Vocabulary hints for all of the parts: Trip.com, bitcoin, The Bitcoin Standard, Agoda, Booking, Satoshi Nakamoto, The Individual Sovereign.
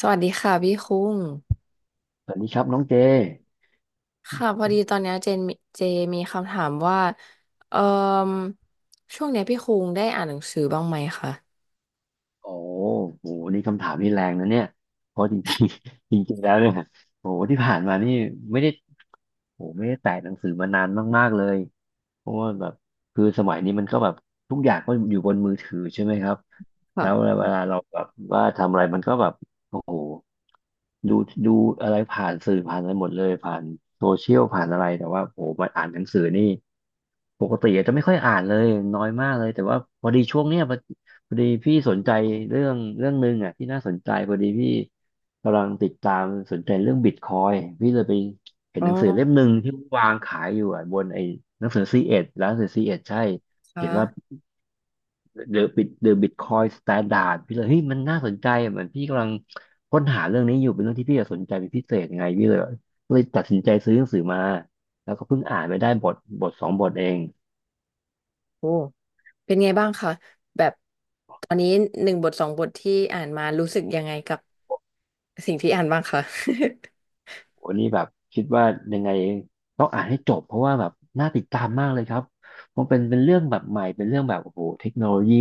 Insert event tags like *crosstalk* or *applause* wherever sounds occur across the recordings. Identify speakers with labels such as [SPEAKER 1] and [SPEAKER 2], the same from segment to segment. [SPEAKER 1] สวัสดีค่ะพี่คุ้ง
[SPEAKER 2] สวัสดีครับน้องเจ
[SPEAKER 1] ค่ะพอดีตอนเนี้ยเจมีคำถามว่าเอ่อช่วงเนี้ยพี่คุ้งได้อ่านหนังสือบ้างไหมคะ
[SPEAKER 2] โอ้โหนี่คำถามนี่แรงนะเนี่ยเพราะจริงๆ *laughs* จริงๆแล้วเนี่ยโอ้โหที่ผ่านมานี่ไม่ได้โอ้โหไม่ได้แตะหนังสือมานานมากๆเลยเพราะว่าแบบคือสมัยนี้มันก็แบบทุกอย่างก็อยู่บนมือถือใช่ไหมครับแล้ว
[SPEAKER 1] ค่ะ
[SPEAKER 2] เวลาเราแบบว่าทำอะไรมันก็แบบโอ้โหดูดูอะไรผ่านสื่อผ่านอะไรหมดเลยผ่านโซเชียลผ่านอะไรแต่ว่าโอ้โหมาอ่านหนังสือนี่ ปกติอาจจะไม่ค่อยอ่านเลยน้อยมากเลยแต่ว่าพอดีช่วงเนี้ยพอดีพี่สนใจเรื่องหนึ่งอ่ะที่น่าสนใจพอดีพี่กำลังติดตามสนใจเรื่องบิตคอยพี่เลยไปเห็น
[SPEAKER 1] อ๋อ
[SPEAKER 2] หนังสือเล่มหนึ่งที่วางขายอยู่อ่ะบนไอ้หนังสือซีเอ็ดร้านหนังสือซีเอ็ดใช่เขี
[SPEAKER 1] ค่ะ
[SPEAKER 2] ยนว่า The Bitcoin Standard พี่เลยเฮ้ยมันน่าสนใจเหมือนพี่กำลังค้นหาเรื่องนี้อยู่เป็นเรื่องที่พี่สนใจเป็นพิเศษไงพี่เลยตัดสินใจซื้อหนังสือมาแล้วก็เพิ่งอ่านไปได้บทสองบทเอง
[SPEAKER 1] โอ้เป็นไงบ้างคะแบบตอนนี้หนึ่งบทสองบทที่อ่านมารู้สึกยังไงกับสิ่งที่อ่านบ้างคะ
[SPEAKER 2] โอ้นี่แบบคิดว่ายังไงต้องอ่านให้จบเพราะว่าแบบน่าติดตามมากเลยครับเพราะเป็นเรื่องแบบใหม่เป็นเรื่องแบบโอ้โหเทคโนโลยี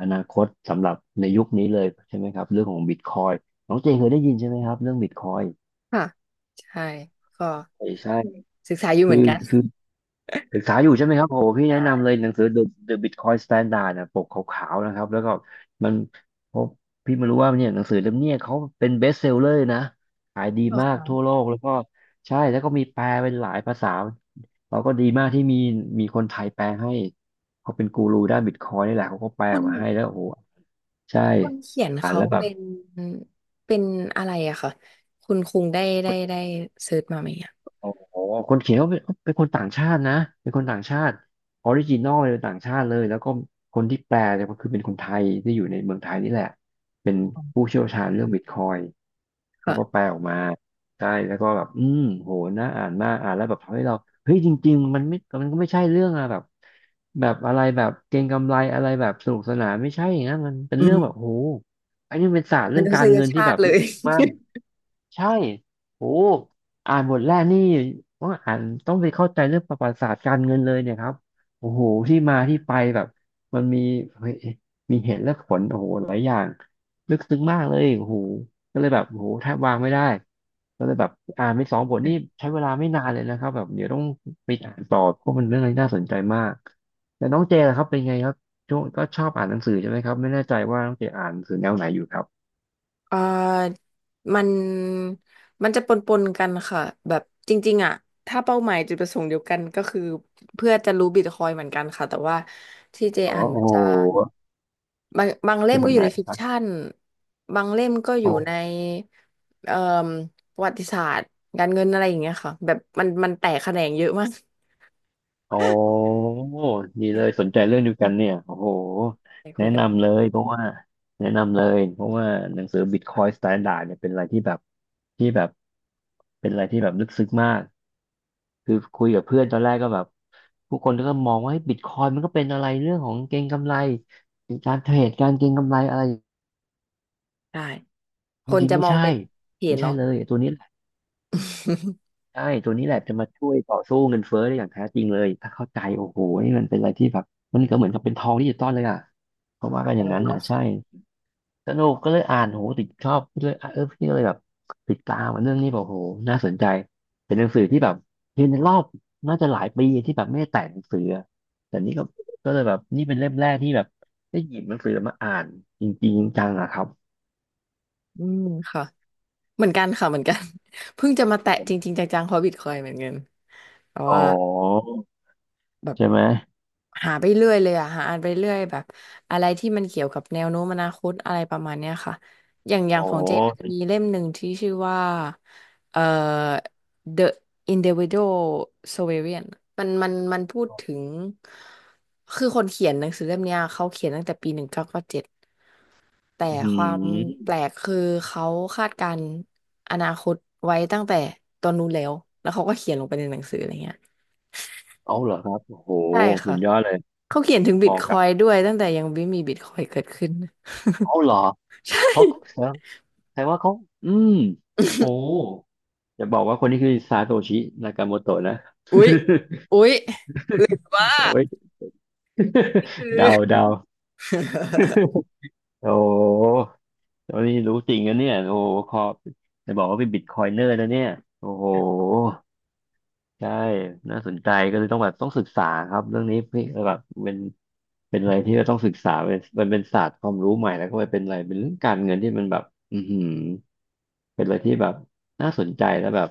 [SPEAKER 2] อนาคตสำหรับในยุคนี้เลยใช่ไหมครับเรื่องของบิตคอยน้องเจนเคยได้ยินใช่ไหมครับเรื่องบิตคอย
[SPEAKER 1] *laughs* ค่ะ *laughs* ใช่ก็
[SPEAKER 2] ใช่ใช่
[SPEAKER 1] ศึกษาอยู่เห
[SPEAKER 2] คื
[SPEAKER 1] มือ
[SPEAKER 2] อ
[SPEAKER 1] นกัน
[SPEAKER 2] คือ ศึกษาอยู่ใช่ไหมครับโหพี่แนะ
[SPEAKER 1] ใช่
[SPEAKER 2] นำเลยหนังสือ The Bitcoin Standard นะปกขาวๆนะครับแล้วก็มันพบพี่ไม่รู้ว่าเนี่ยหนังสือเล่มเนี้ยเขาเป็น best seller นะขายดี
[SPEAKER 1] อ๋อ
[SPEAKER 2] มากทั่ว
[SPEAKER 1] ค่ะ
[SPEAKER 2] โลกแล้วก็ใช่แล้วก็มีแปลเป็นหลายภาษาเราก็ดีมากที่มีคนไทยแปลให้เขาเป็นกูรูด้านบิตคอยนี่แหละเขาก็แปล
[SPEAKER 1] คุ
[SPEAKER 2] ออ
[SPEAKER 1] ณ
[SPEAKER 2] กมาให้แล้วโอ้โหใช่
[SPEAKER 1] คนเขียน
[SPEAKER 2] อ่าน
[SPEAKER 1] เขา
[SPEAKER 2] แล้วแบบ
[SPEAKER 1] เป็นอะไรอะค่ะคุณคุงได้เซิร์ชมาไหมอะ
[SPEAKER 2] โอ้โหคนเขียนก็เป็นคนต่างชาตินะ เป็นคนต่างชาติออริจินอลเลยป็นต่างชาติเลยแล้วก็คนที่แปลเนี่ยก็คือเป็นคนไทยที่อยู่ในเมืองไทยนี่แหละเป็นผู้เชี่ยวชาญเรื่องบิตคอยเขาก็แป
[SPEAKER 1] ค่ะ
[SPEAKER 2] ลออกมาใช่แล้วก็แบบโหน่าอ่านมากอ่านแล้วแบบทำให้เราเฮ้ยจริงๆมันไม่มันก็ไม่ใช่เรื่องอะแบบแบบอะไรแบบเก็งกำไรอะไรแบบสนุกสนานไม่ใช่อย่างนั้นมันเป็น
[SPEAKER 1] อื
[SPEAKER 2] เรื่อ
[SPEAKER 1] ม
[SPEAKER 2] งแบบโหอันนี้มันเป็นศาสตร์
[SPEAKER 1] ม
[SPEAKER 2] เรื่อง
[SPEAKER 1] นุ
[SPEAKER 2] กา
[SPEAKER 1] ษ
[SPEAKER 2] ร
[SPEAKER 1] ย
[SPEAKER 2] เงินที่
[SPEAKER 1] ชา
[SPEAKER 2] แบ
[SPEAKER 1] ติ
[SPEAKER 2] บ
[SPEAKER 1] เล
[SPEAKER 2] ลึก
[SPEAKER 1] ย
[SPEAKER 2] มาก ใช่โอ้อ่านบทแรกนี่ต้องอ่านต้องไปเข้าใจเรื่องประวัติศาสตร์การเงินเลยเนี่ยครับโอ้โหที่มาที่ไปแบบมันมีเฮ้ยมีเหตุและผลโอ้โหหลายอย่างลึกซึ้งมากเลยโอ้โหก็เลยแบบโอ้โหแทบวางไม่ได้ก็เลยแบบอ่านไปสองบทนี่ใช้เวลาไม่นานเลยนะครับแบบเดี๋ยวต้องไปอ่านต่อเพราะมันเรื่องอะไรน่าสนใจมากแล้วน้องเจล่ะครับเป็นไงครับช่วงก็ชอบอ่านหนังสือใช่ไหมครับไม่แน่ใจว่าน้องเจอ่านหนังสือแนวไหนอยู่ครับ
[SPEAKER 1] *laughs* เอ่อมันมันจะปนปนกันค่ะแบบจริงๆอะถ้าเป้าหมายจุดประสงค์เดียวกันก็คือเพื่อจะรู้บิตคอยน์เหมือนกันค่ะแต่ว่าที่เจ
[SPEAKER 2] อ๋อ
[SPEAKER 1] อ่านมั
[SPEAKER 2] โอ้
[SPEAKER 1] น
[SPEAKER 2] โห
[SPEAKER 1] จะ บางเล่
[SPEAKER 2] เป็
[SPEAKER 1] ม
[SPEAKER 2] นแบ
[SPEAKER 1] ก็
[SPEAKER 2] บ
[SPEAKER 1] อยู่
[SPEAKER 2] ไหน
[SPEAKER 1] ในฟิ
[SPEAKER 2] ค
[SPEAKER 1] ก
[SPEAKER 2] รับ
[SPEAKER 1] ชัน บางเล่มก็อยู่ในเอ่อประวัติศาสตร์การเงินอะไรอย่างเงี้ยค่ะแบบมันแตกแขนงเยอะมาก
[SPEAKER 2] โอ้ดีเลยสนใจ
[SPEAKER 1] *laughs*
[SPEAKER 2] เรื่องเดียวกันเนี่ยโอ้โห
[SPEAKER 1] ไปคุ
[SPEAKER 2] แนะ
[SPEAKER 1] ยกั
[SPEAKER 2] นำเล
[SPEAKER 1] น
[SPEAKER 2] ยเพราะว่าแนะนำเลยเพราะว่าหนังสือ Bitcoin Standard เนี่ยเป็นอะไรที่แบบเป็นอะไรที่แบบลึกซึ้งมากคือคุยกับเพื่อนตอนแรกก็แบบผู้คนก็มองว่าบิตคอยมันก็เป็นอะไรเรื่องของเก็งกำไรการเทรดการเก็งกำไรอะไร
[SPEAKER 1] ได้
[SPEAKER 2] จ
[SPEAKER 1] คน
[SPEAKER 2] ริงๆ
[SPEAKER 1] จะ
[SPEAKER 2] ไม่
[SPEAKER 1] มอง
[SPEAKER 2] ใช่
[SPEAKER 1] เป็นเพ
[SPEAKER 2] ไม่
[SPEAKER 1] จ
[SPEAKER 2] ใช่
[SPEAKER 1] เนาะ
[SPEAKER 2] เลยไอ้ตัวนี้
[SPEAKER 1] *laughs*
[SPEAKER 2] ใช่ตัวนี้แหละจะมาช่วยต่อสู้เงินเฟ้อได้อย่างแท้จริงเลยถ้าเข้าใจโอ้โหนี่มันเป็นอะไรที่แบบมันก็เหมือนกับเป็นทองดิจิตอลเลยอ่ะเขาว่ากัน
[SPEAKER 1] ส
[SPEAKER 2] อย่าง
[SPEAKER 1] นุก
[SPEAKER 2] นั้นอ่ะ
[SPEAKER 1] เนาะ
[SPEAKER 2] ใช่สนุกก็เลยอ่านโหติดชอบเลยอ่ะเออพี่ก็เลยแบบติดตามอ่ะเรื่องนี้แบบโหน่าสนใจเป็นหนังสือที่แบบเรียนในรอบน่าจะหลายปีที่แบบไม่ได้แต่งหนังสืออะแต่นี่ก็เลยแบบนี่เป็นเล่มแรกที่แบบได้หยิบหนังสือมาอ่านจริงๆจังๆอะครับ
[SPEAKER 1] อืมค่ะเหมือนกันค่ะเหมือนกัน *laughs* เพิ่งจะมาแตะจริงๆจังๆฮอบบิทคอยเหมือนกันแต่
[SPEAKER 2] อ๋
[SPEAKER 1] ว่า
[SPEAKER 2] อ
[SPEAKER 1] แบบ
[SPEAKER 2] ใช่ไหม
[SPEAKER 1] หาไปเรื่อยเลยอะหาอ่านไปเรื่อยแบบอะไรที่มันเกี่ยวกับแนวโน้มอนาคตอะไรประมาณเนี้ยค่ะอย่างอย่า
[SPEAKER 2] อ๋
[SPEAKER 1] ง
[SPEAKER 2] อ
[SPEAKER 1] ของเจมันจะมีเล่มหนึ่งที่ชื่อว่าเอ่อ The Individual Sovereign มันพูดถึงคือคนเขียนหนังสือเล่มเนี้ยเขาเขียนตั้งแต่ปี1997แต่
[SPEAKER 2] อื
[SPEAKER 1] ความแป
[SPEAKER 2] ม
[SPEAKER 1] ลกคือเขาคาดการณ์อนาคตไว้ตั้งแต่ตอนนู้นแล้วแล้วเขาก็เขียนลงไปในหนังสืออะไรเงี้ย
[SPEAKER 2] เอาเหรอครับโอ้โห
[SPEAKER 1] ใช่
[SPEAKER 2] สุ
[SPEAKER 1] ค่ะ
[SPEAKER 2] ดยอดเลย
[SPEAKER 1] เขาเขียนถึงบิ
[SPEAKER 2] ม
[SPEAKER 1] ต
[SPEAKER 2] อง
[SPEAKER 1] ค
[SPEAKER 2] ครั
[SPEAKER 1] อ
[SPEAKER 2] บ
[SPEAKER 1] ยด้วยตั้งแต่ยังไม่มีบิตคอยเกิดขึ้น *laughs*
[SPEAKER 2] เอาเหรอ
[SPEAKER 1] ใช่
[SPEAKER 2] เขาแสดงแสดงว่าเขาอืมโอ้
[SPEAKER 1] *laughs*
[SPEAKER 2] อย่าบอกว่าคนนี้คือซาโตชินากาโมโตะนะ
[SPEAKER 1] อุ๊ยอุ๊ยว่า
[SPEAKER 2] *laughs* โอ้ย
[SPEAKER 1] นี่คือ
[SPEAKER 2] *laughs* เดา *laughs* โอ้ตอนนี้รู้จริงนะเนี่ยโอ้ขอบจะบอกว่าเป็นบิตคอยเนอร์นะเนี่ยโอ้โหใช่น่าสนใจก็เลยต้องแบบต้องศึกษาครับเรื่องนี้พี่แบบเป็นอะไรที่เราต้องศึกษาเป็นมันเป็นศาสตร์ความรู้ใหม่แล้วก็เป็นอะไรเป็นเรื่องการเงินที่มันแบบอือหือ เป็นอะไรที่แบบน่าสนใจแล้วแบบ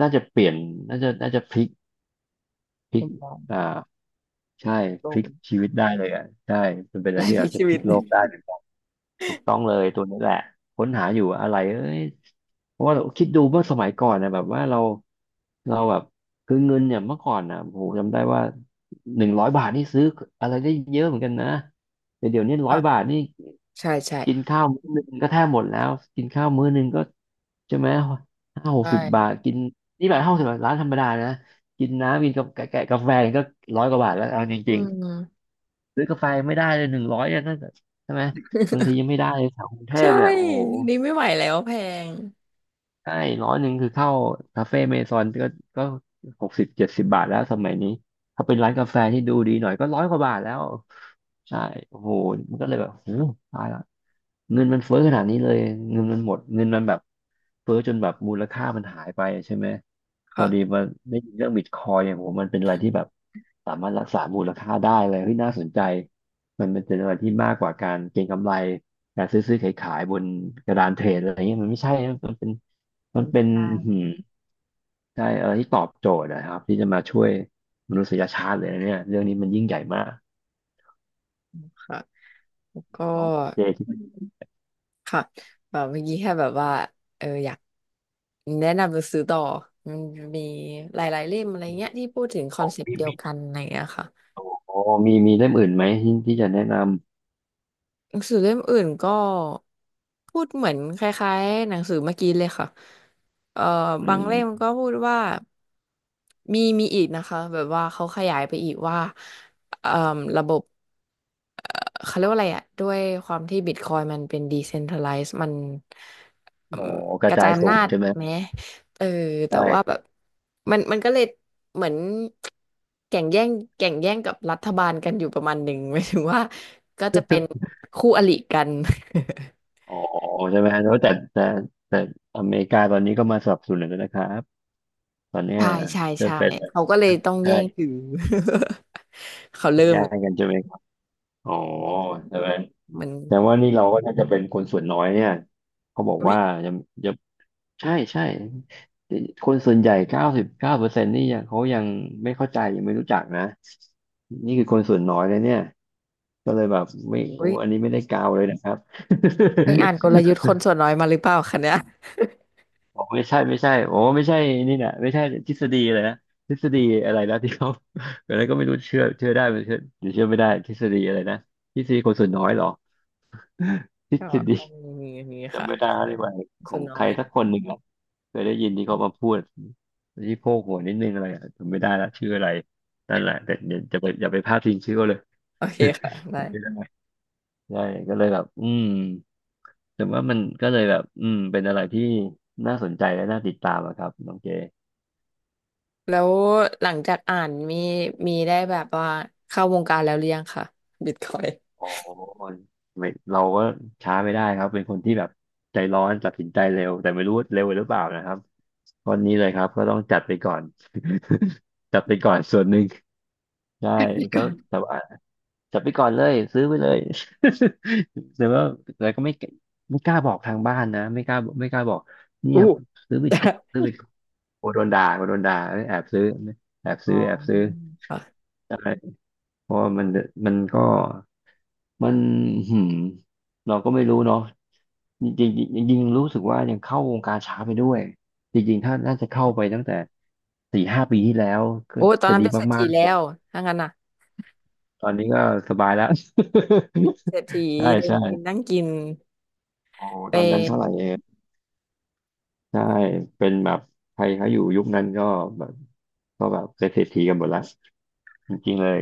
[SPEAKER 2] น่าจะเปลี่ยนน่าจะพลิกพลิ
[SPEAKER 1] ล
[SPEAKER 2] ก
[SPEAKER 1] ม
[SPEAKER 2] อ่าใช่
[SPEAKER 1] โต
[SPEAKER 2] พลิกชีวิตได้เลยอ่ะใช่มันเป็นอะ
[SPEAKER 1] ไล
[SPEAKER 2] ไร
[SPEAKER 1] ฟ์
[SPEAKER 2] ที่
[SPEAKER 1] พลิ
[SPEAKER 2] อา
[SPEAKER 1] ก
[SPEAKER 2] จจะ
[SPEAKER 1] ชี
[SPEAKER 2] พ
[SPEAKER 1] วิ
[SPEAKER 2] ลิ
[SPEAKER 1] ต
[SPEAKER 2] ก
[SPEAKER 1] *laughs*
[SPEAKER 2] โลกได้เหมือนกันถูกต้องเลยตัวนี้แหละค้นหาอยู่อะไรเอ้ยเพราะว่าเราคิดดูเมื่อสมัยก่อนนะแบบว่าเราแบบคือเงินเนี่ยเมื่อก่อนนะโอ้โหจำได้ว่าหนึ่งร้อยบาทนี่ซื้ออะไรได้เยอะเหมือนกันนะแต่เดี๋ยวนี้ร้อยบา
[SPEAKER 1] อ่ะ
[SPEAKER 2] ทนี่
[SPEAKER 1] ใช่ใช่
[SPEAKER 2] กินข้าวมื้อหนึ่งก็แทบหมดแล้วกินข้าวมื้อหนึ่งก็ใช่ไหมห้าห
[SPEAKER 1] ใช
[SPEAKER 2] กสิบบาท
[SPEAKER 1] ่
[SPEAKER 2] กินนี่แบบห้าสิบบาทร้านธรรมดานะกินน้ำกินกับแกะกาแฟก็ร้อยกว่าบาทแล้วเอาจ
[SPEAKER 1] อื
[SPEAKER 2] ริง
[SPEAKER 1] ม
[SPEAKER 2] ๆซื้อกาแฟไม่ได้เลยหนึ่งร้อยเนี่ยนั่นก็ใช่ไหมบางทียัง
[SPEAKER 1] *laughs*
[SPEAKER 2] ไม่ได้เลยแถวกรุงเท
[SPEAKER 1] ใช่
[SPEAKER 2] พเนี่ยโอ้โห
[SPEAKER 1] นี่ไม่ไหวแล้วแพง
[SPEAKER 2] ใช่ร้อยหนึ่งคือเข้าคาเฟ่เมซอนก็ก็หกสิบเจ็ดสิบบาทแล้วสมัยนี้ถ้าเป็นร้านกาแฟที่ดูดีหน่อยก็ร้อยกว่าบาทแล้วใช่โอ้โหมันก็เลยแบบโอ้ตายละเงินมันเฟ้อขนาดนี้เลยเงินมันหมดเงินมันแบบเฟ้อจนแบบมูลค่ามันหายไปใช่ไหมพอดี
[SPEAKER 1] ค่ะ
[SPEAKER 2] มาได้ยินเรื่องบิตคอยเนี่ยผมมันเป็นอะไรที่แบบสามารถรักษามูลค่าได้เลยเฮ้ยน่าสนใจมันเป็นอะไรที่มากกว่าการเก็งกำไรการซื้อขายบนกระดานเทรดอะไรเงี้ยมันไม่ใช่นะมันเป็น มันเป็น
[SPEAKER 1] ใช่
[SPEAKER 2] อื้อหืใช่อะไรที่ตอบโจทย์นะครับที่จะมาช่วยมนุษยชาติเลยนะเนี่ยเรื่องนี้มันยิ่งใหญ่มาก
[SPEAKER 1] ค่ะแล้วก็
[SPEAKER 2] น้องเจคิด
[SPEAKER 1] ค่ะแบบเมื่อกี้แค่แบบว่าเอออยากแนะนำหนังสือต่อมันมีหลายๆเล่มอะไรเงี้ยที่พูดถึงคอ
[SPEAKER 2] อื
[SPEAKER 1] น
[SPEAKER 2] ม
[SPEAKER 1] เซป
[SPEAKER 2] มี
[SPEAKER 1] ต์เดียวกันอะไรเงี้ยค่ะ
[SPEAKER 2] อ๋อมีเล่มอื่นไหมที่จะแนะน
[SPEAKER 1] หนังสือเล่มอื่นก็พูดเหมือนคล้ายๆหนังสือเมื่อกี้เลยค่ะเอ่อ
[SPEAKER 2] ำอื
[SPEAKER 1] บางเล่ม
[SPEAKER 2] ม
[SPEAKER 1] ก็พูดว่ามีอีกนะคะแบบว่าเขาขยายไปอีกว่าเอ่อระบบ เขาเรียกว่าอะไรอ่ะด้วยความที่บิตคอยมันเป็นด e เซนท r a ไลซ์มันอื
[SPEAKER 2] อ๋อ
[SPEAKER 1] ม
[SPEAKER 2] ก
[SPEAKER 1] ก
[SPEAKER 2] ระ
[SPEAKER 1] ระ
[SPEAKER 2] จา
[SPEAKER 1] จา
[SPEAKER 2] ย
[SPEAKER 1] ย
[SPEAKER 2] ศู
[SPEAKER 1] อำนา
[SPEAKER 2] น
[SPEAKER 1] จ
[SPEAKER 2] ย์ใช่ไหม
[SPEAKER 1] ไหมเออแต่ว่าแบ
[SPEAKER 2] ได่
[SPEAKER 1] บมันก็เลยเหมือนแข่งแย่งแข่งแย่งกับรัฐบาลกันอยู่ประมาณหนึ่ง *laughs* หมายถึงว่าก็จะเป็นคู่อริกัน
[SPEAKER 2] อ๋อใช่ไหมแล้วแต่แต่อเมริกาตอนนี้ก็มาสนับสนุนแล้วนะครับตอนเนี้
[SPEAKER 1] *laughs*
[SPEAKER 2] ย
[SPEAKER 1] ใช่ใช่
[SPEAKER 2] จะ
[SPEAKER 1] ใช่
[SPEAKER 2] เป็นอะไร
[SPEAKER 1] เขาก็เลยต้องแย่งถื
[SPEAKER 2] ใช่
[SPEAKER 1] อ *laughs* เขาเริ่ม
[SPEAKER 2] แย่
[SPEAKER 1] เลย
[SPEAKER 2] งกันใช่ไหมครับอ๋อใช่ไหม
[SPEAKER 1] มัน
[SPEAKER 2] แต่ว่านี่เราก็น่าจะเป็นคนส่วนน้อยเนี่ยเขาบอก
[SPEAKER 1] อุ๊ย
[SPEAKER 2] ว่ายัง ใช่ใช่คนส่วนใหญ่เก้าสิบเก้าเปอร์เซ็นต์นี่ยังเขายังไม่เข้าใจยังไม่รู้จักนะนี่คือคนส่วนน้อยเลยเนี่ยก็เลยแบบไม่โอ้
[SPEAKER 1] อุ๊ย
[SPEAKER 2] อันนี้ไม่ได้กาวเลยนะครับ *laughs*
[SPEAKER 1] ไปอ่านกลยุทธ์คนส่วนน้อยมาหรือเปล่าคะเนี่ย
[SPEAKER 2] บอกไม่ใช่โอ้ไม่ใช่นี่นะไม่ใช่ทฤษฎีเลยนะทฤษฎีอะไรนะที่เขาอะไรก็ไม่รู้เชื่อได้หรือเชื่อหรือเชื่อไม่ได้ทฤษฎีอะไรนะทฤษฎีคนส่วนน้อยเหรอ *laughs* ทฤ
[SPEAKER 1] *laughs* ก็
[SPEAKER 2] ษฎี
[SPEAKER 1] ต้องมีอย่างนี้
[SPEAKER 2] จำ
[SPEAKER 1] ค่ะ
[SPEAKER 2] ไม่ได้แล้วดียกว่าขอ
[SPEAKER 1] ส่ว
[SPEAKER 2] ง
[SPEAKER 1] น
[SPEAKER 2] ใค
[SPEAKER 1] น้อ
[SPEAKER 2] ร
[SPEAKER 1] ย
[SPEAKER 2] สักคนหนึ่งอะเคยได้ยินที่เขามาพูดที่โพกหัวนิดนึงอะไรอะจำไม่ได้ละชื่ออะไรนั่นแหละแต่เดี๋ยวจะไปอย่าไปพลาดทิ้งชื่อเขาเลย
[SPEAKER 1] โอเคค่ะ
[SPEAKER 2] *laughs*
[SPEAKER 1] ได้
[SPEAKER 2] จำไม่ได้ใช่ก็เลยแบบอืมแต่ว่ามันก็เลยแบบอืมเป็นอะไรที่น่าสนใจและน่าติดตามอะครับน้องเจ
[SPEAKER 1] แล้วหลังจากอ่านมีได้แบบว่าเข้าวงการแล้วหรือยังค่ะบิตคอย *laughs*
[SPEAKER 2] อ๋อไม่เราก็ช้าไม่ได้ครับเป็นคนที่แบบใจร้อนตัดสินใจเร็วแต่ไม่รู้เร็วหรือเปล่านะครับตอนนี้เลยครับก็ต้องจัดไปก่อน *laughs* จัดไปก่อนส่วนหนึ่ง ใช่ก็แต่ว่าจับไปก่อนเลยซื้อไปเลย *laughs* แต่ว่าแต่ก็ไม่กล้าบอกทางบ้านนะไม่กล้าบอกเนี่ย
[SPEAKER 1] อู้
[SPEAKER 2] ซื้อบิตคอยน์โอ้โดนด่าแอบซื้อแอบซื้อ
[SPEAKER 1] ค่ะ
[SPEAKER 2] ใช่เพราะว่ามันก็มันหืมเราก็ไม่รู้เนาะจริงๆจริงๆจรงๆรู้สึกว่ายังเข้าวงการช้าไปด้วยจริงๆถ้าน่าจะเข้าไปตั้งแต่สี่ห้าปีที่แล้วก็
[SPEAKER 1] โอ้ตอน
[SPEAKER 2] จะ
[SPEAKER 1] นั้น
[SPEAKER 2] ดี
[SPEAKER 1] เป็นเศรษ
[SPEAKER 2] มา
[SPEAKER 1] ฐี
[SPEAKER 2] กๆ
[SPEAKER 1] แล้
[SPEAKER 2] เลย
[SPEAKER 1] วถ้างั้นน่ะ
[SPEAKER 2] ตอนนี้ก็สบายแล้ว
[SPEAKER 1] เป็นเศรษฐี
[SPEAKER 2] *laughs* ใช่
[SPEAKER 1] เดิน
[SPEAKER 2] ใช่
[SPEAKER 1] กินนั่งกิน
[SPEAKER 2] โอ้โหต
[SPEAKER 1] เป็
[SPEAKER 2] อนนั้น
[SPEAKER 1] น
[SPEAKER 2] เท่าไหร่เองใช่เป็นแบบใครเขาอยู่ยุคนั้นก็แบบเป็นเศรษฐีกันหมดละจริงๆเลย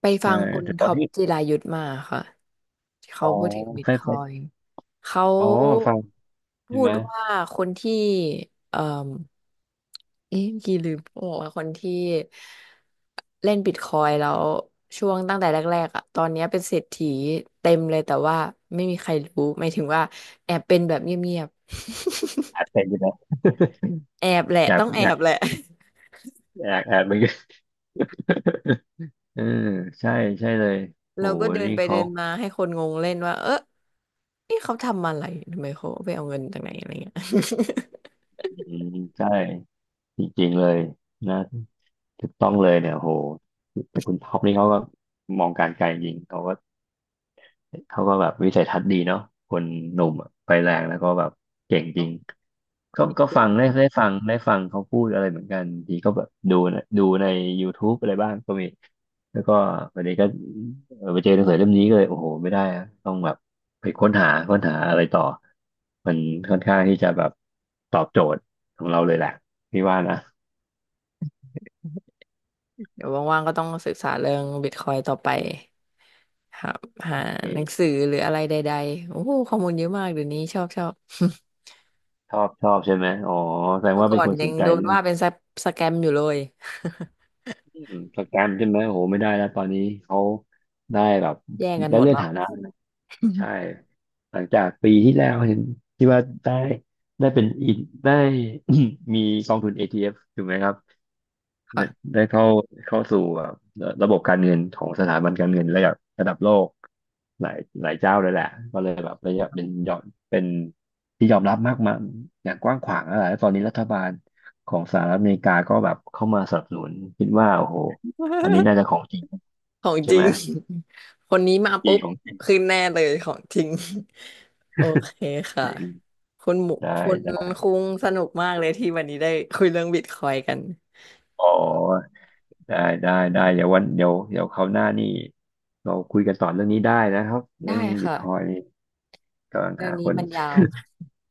[SPEAKER 1] ไปฟั
[SPEAKER 2] ใช่
[SPEAKER 1] งคุณ
[SPEAKER 2] แต่ตอ
[SPEAKER 1] ท็
[SPEAKER 2] น
[SPEAKER 1] อป
[SPEAKER 2] นี้
[SPEAKER 1] จิรายุทธมาค่ะที่
[SPEAKER 2] อ๋
[SPEAKER 1] เขา
[SPEAKER 2] อ
[SPEAKER 1] พูดถึงบิต
[SPEAKER 2] ไฟ
[SPEAKER 1] คอยน์
[SPEAKER 2] ซ
[SPEAKER 1] เขา
[SPEAKER 2] อ๋อฟัง
[SPEAKER 1] พู
[SPEAKER 2] ใช่ไหม
[SPEAKER 1] ดว่าคนที่เอ่อ เอ๊ะกี่ลืมบอกว่าคนที่เล่นบิตคอยน์แล้วช่วงตั้งแต่แรกๆอ่ะตอนเนี้ยเป็นเศรษฐีเต็มเลยแต่ว่าไม่มีใครรู้หมายถึงว่าแอบเป็นแบบเงียบ
[SPEAKER 2] อัดเป็นอยู่นะ *laughs*
[SPEAKER 1] ๆ *laughs* แอบแหละ
[SPEAKER 2] อยาก
[SPEAKER 1] ต้องแอบแหละ
[SPEAKER 2] อยากแอบเหมือนกัน *laughs* เออใช่ใช่เลยโห
[SPEAKER 1] แล้วก็เดิน
[SPEAKER 2] นี่
[SPEAKER 1] ไปเดิ
[SPEAKER 2] เขา
[SPEAKER 1] นมาให้คนงงเล่นว่าเออนี่เขาทำอะไรทำไมเขาไปเอาเงินจากไหนอะไรเงี้ย *laughs*
[SPEAKER 2] อืมใช่จริงๆเลยนะถูกต้องเลยเนี่ยโหแต่คุณท็อปนี่เขาก็มองการไกลจริงเขาก็ เขาก็แบบวิสัยทัศน์ดีเนาะคนหนุ่มอะไฟแรงแล้วก็แบบเก่งจริง
[SPEAKER 1] ค
[SPEAKER 2] ก็
[SPEAKER 1] นนี้เก่
[SPEAKER 2] ฟั
[SPEAKER 1] ง
[SPEAKER 2] งได้ฟังได้ฟังเขาพูดอะไรเหมือนกันทีก็แบบดูนะดูใน YouTube อะไรบ้างก็มีแล้วก็วันนี้ก็เออไปเจอหนังสือเล่มนี้ก็เลยโอ้โหไม่ได้อะต้องแบบไปค้นหาอะไรต่อมันค่อนข้างที่จะแบบตอบโจทย์ของเราเลยแหละพี่ว่านะ
[SPEAKER 1] เดี๋ยวว่างๆก็ต้องศึกษาเรื่องบิตคอยน์ต่อไป หาหาหนัง
[SPEAKER 2] เออ
[SPEAKER 1] สือหรืออะไรใดๆโอ้โหข้อมูลเยอะมากเดี๋ยวนี้ชอบชอบ
[SPEAKER 2] ชอบใช่ไหมอ๋อแสด
[SPEAKER 1] *laughs*
[SPEAKER 2] ง
[SPEAKER 1] เมื่อ
[SPEAKER 2] ว่า
[SPEAKER 1] ก่อ
[SPEAKER 2] เป็น
[SPEAKER 1] น
[SPEAKER 2] คน
[SPEAKER 1] ยั
[SPEAKER 2] ส
[SPEAKER 1] ง
[SPEAKER 2] นใจ
[SPEAKER 1] โดน
[SPEAKER 2] เรื่อง
[SPEAKER 1] ว่าเป็นสแกมอยู่เลย
[SPEAKER 2] อืมสแกมใช่ไหมโหไม่ได้แล้วตอนนี้เขาได้แบบ
[SPEAKER 1] *laughs* แย่งกัน
[SPEAKER 2] ได้
[SPEAKER 1] หมด
[SPEAKER 2] เลื่อน
[SPEAKER 1] แล้ว
[SPEAKER 2] ฐานะใช่
[SPEAKER 1] *laughs*
[SPEAKER 2] หลังจากปีที่แล้วเห็นที่ว่าได้ได้เป็นอินได้ *coughs* *clears throat* มีกองทุน ETF ถูกไหมครับ ได้
[SPEAKER 1] ค่ะ
[SPEAKER 2] เข้าสู่แบบระบบการเงินของสถาบันการเงินระดับโลกหลายเจ้าเลยแหละก็เลยแบบระยะเป็นยอมเป็นที่ยอมรับมากมายอย่างกว้างขวางอะไรแล้วตอนนี้รัฐบาลของสหรัฐอเมริกาก็แบบเข้ามาสนับสนุนคิดว่าโอ้โหอันนี้
[SPEAKER 1] *laughs*
[SPEAKER 2] น่าจะของจริง
[SPEAKER 1] ของ
[SPEAKER 2] ใช่
[SPEAKER 1] จริ
[SPEAKER 2] ไหม
[SPEAKER 1] ง *laughs* คนนี้มา
[SPEAKER 2] จริ
[SPEAKER 1] ปุ๊
[SPEAKER 2] ง
[SPEAKER 1] บ
[SPEAKER 2] ของจริง
[SPEAKER 1] ขึ้นแน่เลยของจริง *laughs* โอเค
[SPEAKER 2] จ
[SPEAKER 1] ค่ะ
[SPEAKER 2] ริง
[SPEAKER 1] คุณหมู
[SPEAKER 2] ได้
[SPEAKER 1] คุณ
[SPEAKER 2] ได้
[SPEAKER 1] คุงสนุกมากเลยที่วันนี้ได้คุยเรื่องบิตคอยน์กัน
[SPEAKER 2] อ๋อได้ได้เดี๋ยววันเดี๋ยวคราวหน้านี่เราคุยกันต่อเรื่องนี้ได้นะครับเรื่
[SPEAKER 1] ได้
[SPEAKER 2] องบิต
[SPEAKER 1] ค่ะ
[SPEAKER 2] คอยนี่กำลัง
[SPEAKER 1] เรื่อ
[SPEAKER 2] หา
[SPEAKER 1] ง
[SPEAKER 2] ค
[SPEAKER 1] นี้
[SPEAKER 2] น
[SPEAKER 1] มันยาว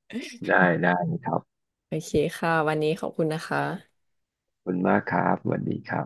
[SPEAKER 2] *laughs* ได้ได้ครับ
[SPEAKER 1] โอเคค่ะวันนี้ขอบคุณนะคะ
[SPEAKER 2] คุณมากครับสวัสดีครับ